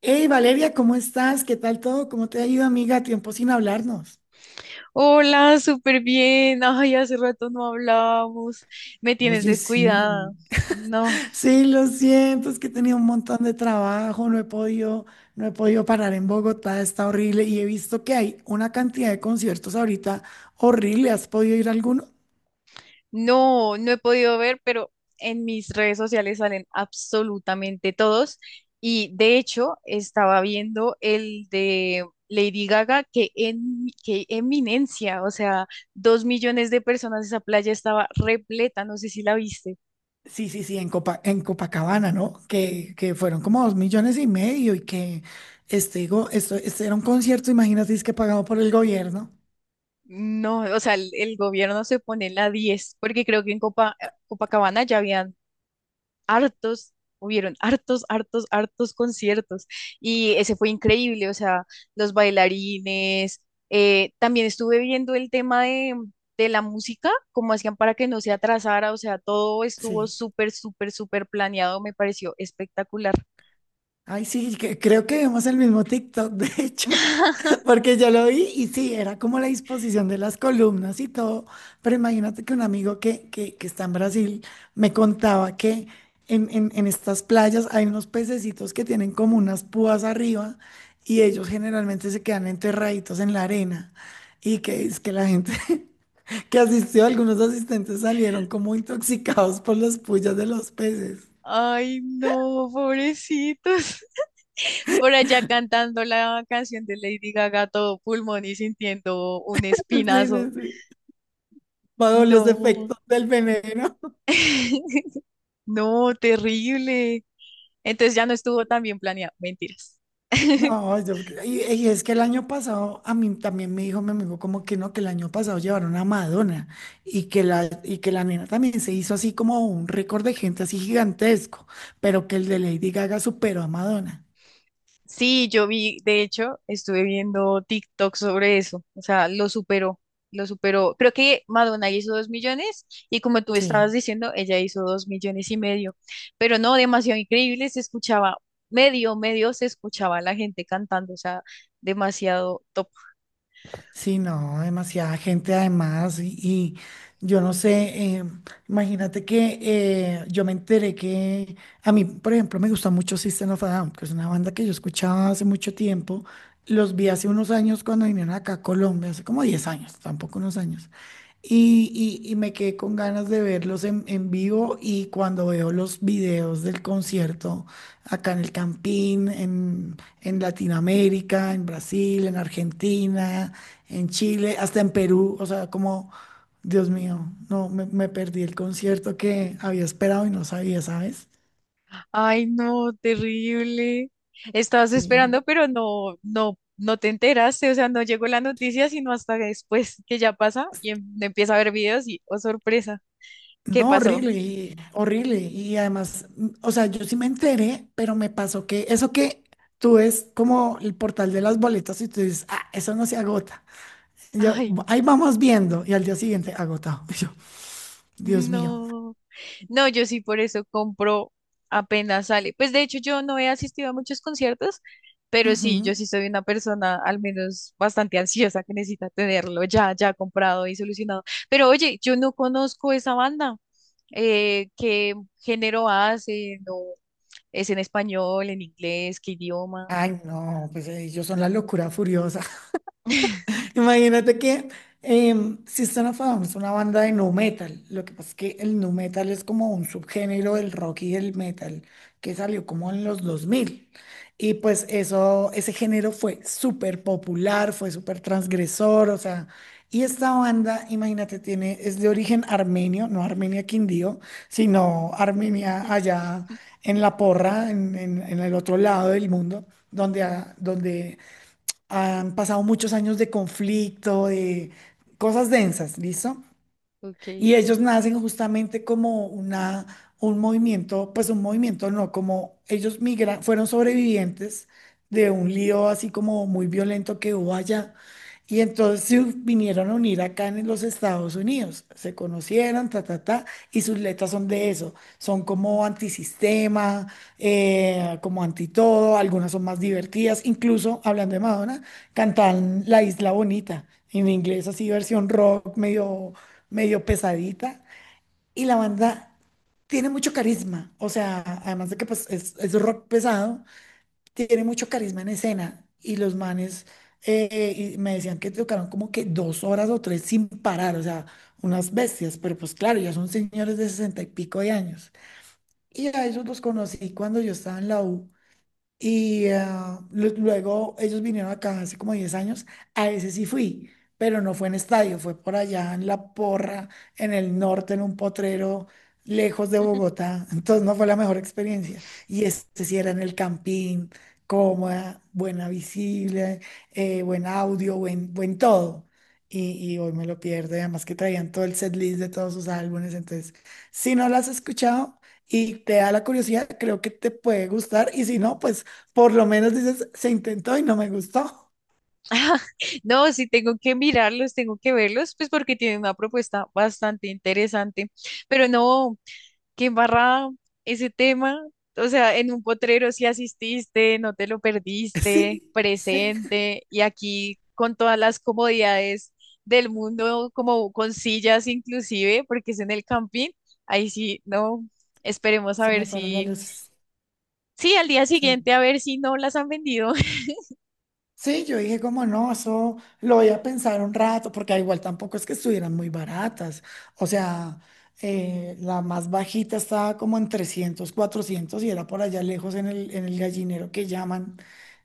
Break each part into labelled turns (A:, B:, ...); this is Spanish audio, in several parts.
A: Hey Valeria, ¿cómo estás? ¿Qué tal todo? ¿Cómo te ha ido, amiga? Tiempo sin hablarnos.
B: Hola, súper bien. Ay, hace rato no hablábamos. Me tienes
A: Oye, sí.
B: descuidada. No,
A: Sí, lo siento, es que he tenido un montón de trabajo, no he podido parar en Bogotá, está horrible y he visto que hay una cantidad de conciertos ahorita horrible. ¿Has podido ir a alguno?
B: no, no he podido ver, pero en mis redes sociales salen absolutamente todos. Y de hecho, estaba viendo el de Lady Gaga, qué eminencia, o sea, 2 millones de personas, esa playa estaba repleta, no sé si la viste.
A: Sí, sí, sí, en Copacabana, ¿no? Que fueron como 2,5 millones y que este era un concierto, imagínate, es que pagado por el gobierno.
B: No, o sea, el gobierno se pone en la 10, porque creo que en Copacabana ya hubieron hartos, hartos, hartos conciertos y ese fue increíble, o sea, los bailarines, también estuve viendo el tema de la música, cómo hacían para que no se atrasara, o sea, todo estuvo
A: Sí.
B: súper, súper, súper planeado, me pareció espectacular.
A: Ay, sí, que- creo que vimos el mismo TikTok, de hecho. Porque yo lo vi y sí, era como la disposición de las columnas y todo, pero imagínate que un amigo que está en Brasil me contaba que en estas playas hay unos pececitos que tienen como unas púas arriba y ellos generalmente se quedan enterraditos en la arena y que es que la gente que asistió, algunos asistentes salieron como intoxicados por las puyas de los peces.
B: Ay, no, pobrecitos. Por allá cantando la canción de Lady Gaga, todo pulmón y sintiendo un
A: Sí,
B: espinazo.
A: sí, sí, bajo los
B: No.
A: efectos del veneno.
B: No, terrible. Entonces ya no estuvo tan bien planeado. Mentiras.
A: No, yo creo- y es que el año pasado, a mí también me dijo mi amigo como que no, que el año pasado llevaron a Madonna y que la nena también se hizo así como un récord de gente así gigantesco, pero que el de Lady Gaga superó a Madonna.
B: Sí, yo vi, de hecho, estuve viendo TikTok sobre eso. O sea, lo superó, lo superó. Creo que Madonna hizo 2 millones y, como tú estabas
A: Sí.
B: diciendo, ella hizo 2,5 millones. Pero no, demasiado increíble, se escuchaba medio, medio, se escuchaba la gente cantando. O sea, demasiado top.
A: Sí, no, demasiada gente además y yo no sé, imagínate que yo me enteré que a mí, por ejemplo, me gusta mucho System of a Down, que es una banda que yo escuchaba hace mucho tiempo, los vi hace unos años cuando vinieron acá a Colombia, hace como 10 años, tampoco unos años, y me quedé con ganas de verlos en vivo y cuando veo los videos del concierto acá en el Campín, en Latinoamérica, en Brasil, en Argentina, en Chile, hasta en Perú, o sea, como, Dios mío, no, me perdí el concierto que había esperado y no sabía, ¿sabes?
B: Ay, no, terrible. Estabas
A: Sí.
B: esperando, pero no, no, no te enteraste, o sea, no llegó la noticia sino hasta después que ya pasa y empieza a ver videos y, oh, sorpresa, ¿qué
A: No,
B: pasó?
A: horrible, horrible. Y además, o sea, yo sí me enteré, pero me pasó que eso que tú ves como el portal de las boletas y tú dices, ah, eso no se agota. Y yo, "Bu-
B: Ay,
A: ahí vamos viendo". Y al día siguiente, agotado. Y yo, Dios mío.
B: no. No, yo sí por eso compro apenas sale. Pues de hecho yo no he asistido a muchos conciertos, pero sí, yo
A: Ujú.
B: sí soy una persona al menos bastante ansiosa que necesita tenerlo ya, ya comprado y solucionado. Pero oye, yo no conozco esa banda. ¿Qué género hace? ¿No es en español, en inglés, qué idioma?
A: Ay, no, pues ellos son la locura furiosa. Imagínate que System of a Down es una banda de nu metal. Lo que pasa es que el nu metal es como un subgénero del rock y del metal que salió como en los dos mil. Y pues eso, ese género fue súper popular, fue súper transgresor, o sea. Y esta banda, imagínate, tiene, es de origen armenio, no Armenia Quindío, sino Armenia allá en la porra, en el otro lado del mundo, donde, donde han pasado muchos años de conflicto, de cosas densas, ¿listo?
B: Ok.
A: Y ellos nacen justamente como un movimiento, pues un movimiento no, como ellos migran, fueron sobrevivientes de un lío así como muy violento que hubo allá. Y entonces se vinieron a unir acá en los Estados Unidos. Se conocieron, ta, ta, ta, y sus letras son de eso. Son como antisistema, como anti todo. Algunas son más divertidas. Incluso, hablando de Madonna, cantan La Isla Bonita en inglés, así versión rock, medio medio pesadita. Y la banda tiene mucho carisma. O sea, además de que pues, es rock pesado, tiene mucho carisma en escena. Y los manes, y me decían que tocaron como que 2 horas o 3 sin parar. O sea, unas bestias. Pero pues claro, ya son señores de 60 y pico de años. Y a ellos los conocí cuando yo estaba en la U y ah, luego ellos vinieron acá hace como 10 años. A ese sí fui, pero no fue en estadio, fue por allá en La Porra, en el norte, en un potrero lejos de Bogotá. Entonces no fue la mejor experiencia. Y este sí era en el campín, cómoda, buena visible, buen audio, buen todo. Y hoy me lo pierdo, y además que traían todo el setlist de todos sus álbumes. Entonces, si no lo has escuchado y te da la curiosidad, creo que te puede gustar. Y si no, pues por lo menos dices, se intentó y no me gustó.
B: Ah, no, sí tengo que mirarlos, tengo que verlos, pues porque tienen una propuesta bastante interesante. Pero no, qué embarrada ese tema. O sea, en un potrero sí asististe, no te lo perdiste,
A: Sí, sí,
B: presente, y aquí con todas las comodidades del mundo, como con sillas inclusive, porque es en el camping, ahí sí, no, esperemos a
A: se
B: ver
A: me fueron las
B: si,
A: luces.
B: sí, al día
A: Se me-
B: siguiente a ver si no las han vendido.
A: Sí, yo dije como no, eso lo voy a pensar un rato, porque ah, igual tampoco es que estuvieran muy baratas. O sea, la más bajita estaba como en 300, 400 y era por allá lejos en el gallinero que llaman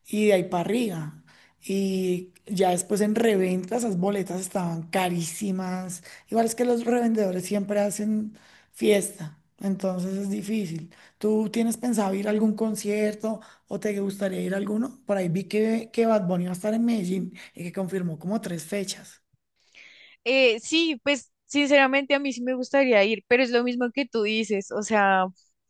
A: y de ahí para arriba. Y ya después en reventa esas boletas estaban carísimas. Igual es que los revendedores siempre hacen fiesta, entonces es difícil. ¿Tú tienes pensado ir a algún concierto o te gustaría ir a alguno? Por ahí vi que Bad Bunny va a estar en Medellín y que confirmó como tres fechas.
B: Sí, pues sinceramente a mí sí me gustaría ir, pero es lo mismo que tú dices, o sea,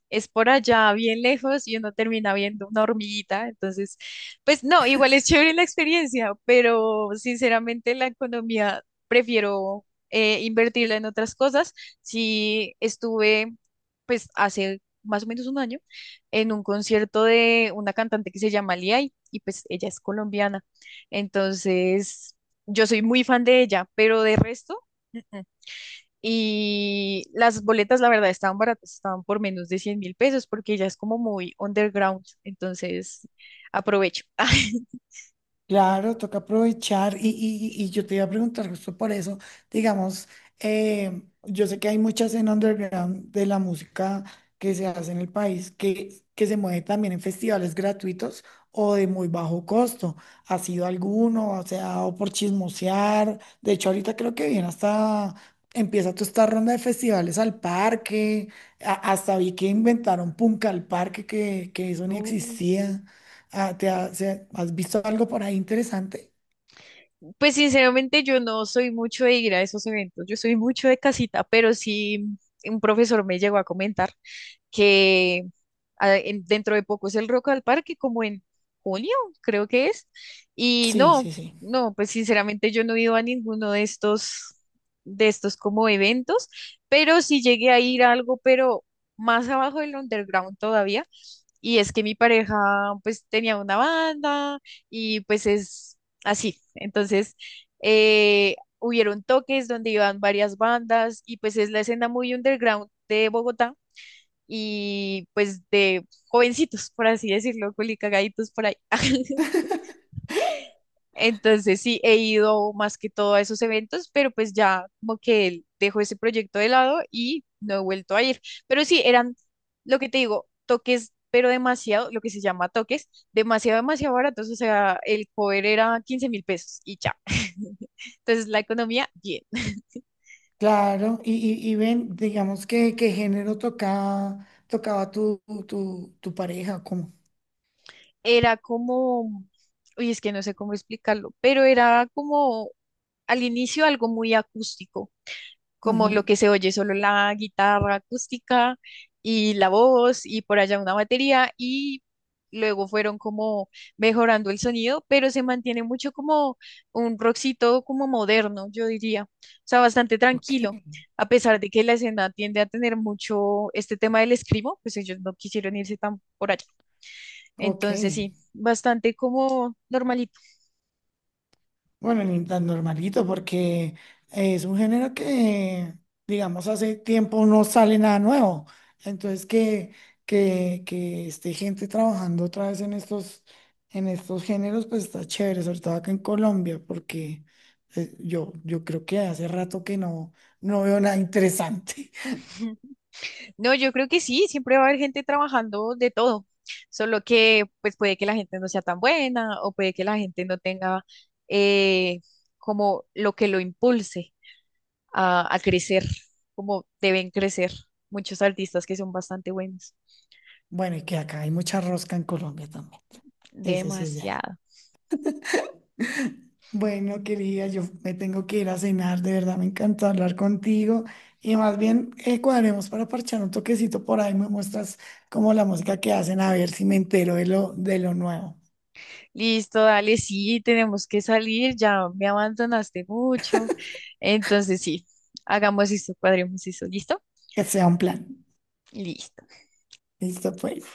B: es por allá bien lejos y uno termina viendo una hormiguita, entonces, pues no, igual es chévere la experiencia, pero sinceramente la economía prefiero invertirla en otras cosas. Si estuve, pues hace más o menos un año, en un concierto de una cantante que se llama Liay y pues ella es colombiana. Entonces, yo soy muy fan de ella, pero de resto, mm, mm. Y las boletas, la verdad, estaban baratas, estaban por menos de 100.000 pesos, porque ella es como muy underground, entonces aprovecho.
A: Claro, toca aprovechar y yo te iba a preguntar justo por eso, digamos, yo sé que hay mucha escena underground de la música que se hace en el país que se mueve también en festivales gratuitos o de muy bajo costo. ¿Ha sido alguno? O sea, o por chismosear. De hecho, ahorita creo que viene hasta, empieza toda esta ronda de festivales al parque. Hasta vi que inventaron Punca al parque, que eso ni
B: Uh,
A: existía. Ah, ¿Has visto algo por ahí interesante?
B: pues sinceramente yo no soy mucho de ir a esos eventos, yo soy mucho de casita, pero sí un profesor me llegó a comentar que ah, dentro de poco es el Rock al Parque, como en junio, creo que es. Y
A: Sí,
B: no,
A: sí, sí.
B: no, pues sinceramente yo no he ido a ninguno de estos, como eventos, pero sí llegué a ir a algo, pero más abajo del underground todavía. Y es que mi pareja pues tenía una banda y pues es así. Entonces, hubieron toques donde iban varias bandas y pues es la escena muy underground de Bogotá y pues de jovencitos, por así decirlo, culicagaditos por ahí. Entonces sí, he ido más que todo a esos eventos, pero pues ya como que dejo ese proyecto de lado y no he vuelto a ir. Pero sí, eran, lo que te digo, toques, pero demasiado, lo que se llama toques, demasiado, demasiado baratos. O sea, el cover era 15.000 pesos y ya. Entonces la economía, bien.
A: Claro, y ven, digamos que qué género tocaba tu pareja, cómo.
B: Era como, uy, es que no sé cómo explicarlo, pero era como al inicio algo muy acústico, como
A: Ujú.
B: lo que se oye solo la guitarra acústica y la voz y por allá una batería y luego fueron como mejorando el sonido, pero se mantiene mucho como un rockcito como moderno, yo diría, o sea, bastante tranquilo,
A: Ok.
B: a pesar de que la escena tiende a tener mucho este tema del escribo, pues ellos no quisieron irse tan por allá.
A: Ok.
B: Entonces sí, bastante como normalito.
A: Bueno, ni tan normalito, porque es un género que, digamos, hace tiempo no sale nada nuevo. Entonces, que esté gente trabajando otra vez en estos géneros, pues está chévere, sobre todo acá en Colombia, porque yo creo que hace rato que no veo nada interesante.
B: No, yo creo que sí, siempre va a haber gente trabajando de todo, solo que pues puede que la gente no sea tan buena o puede que la gente no tenga eh, como lo que lo impulse a crecer, como deben crecer muchos artistas que son bastante buenos.
A: Bueno, y que acá hay mucha rosca en Colombia también. Eso sí es de ahí.
B: Demasiado.
A: Bueno, querida, yo me tengo que ir a cenar, de verdad me encantó hablar contigo y más bien cuadremos para parchar un toquecito por ahí, me muestras como la música que hacen, a ver si me entero de lo nuevo,
B: Listo, dale, sí, tenemos que salir, ya me abandonaste mucho. Entonces sí, hagamos esto, cuadremos eso, ¿listo?
A: que sea un plan.
B: Listo.
A: Listo, pues.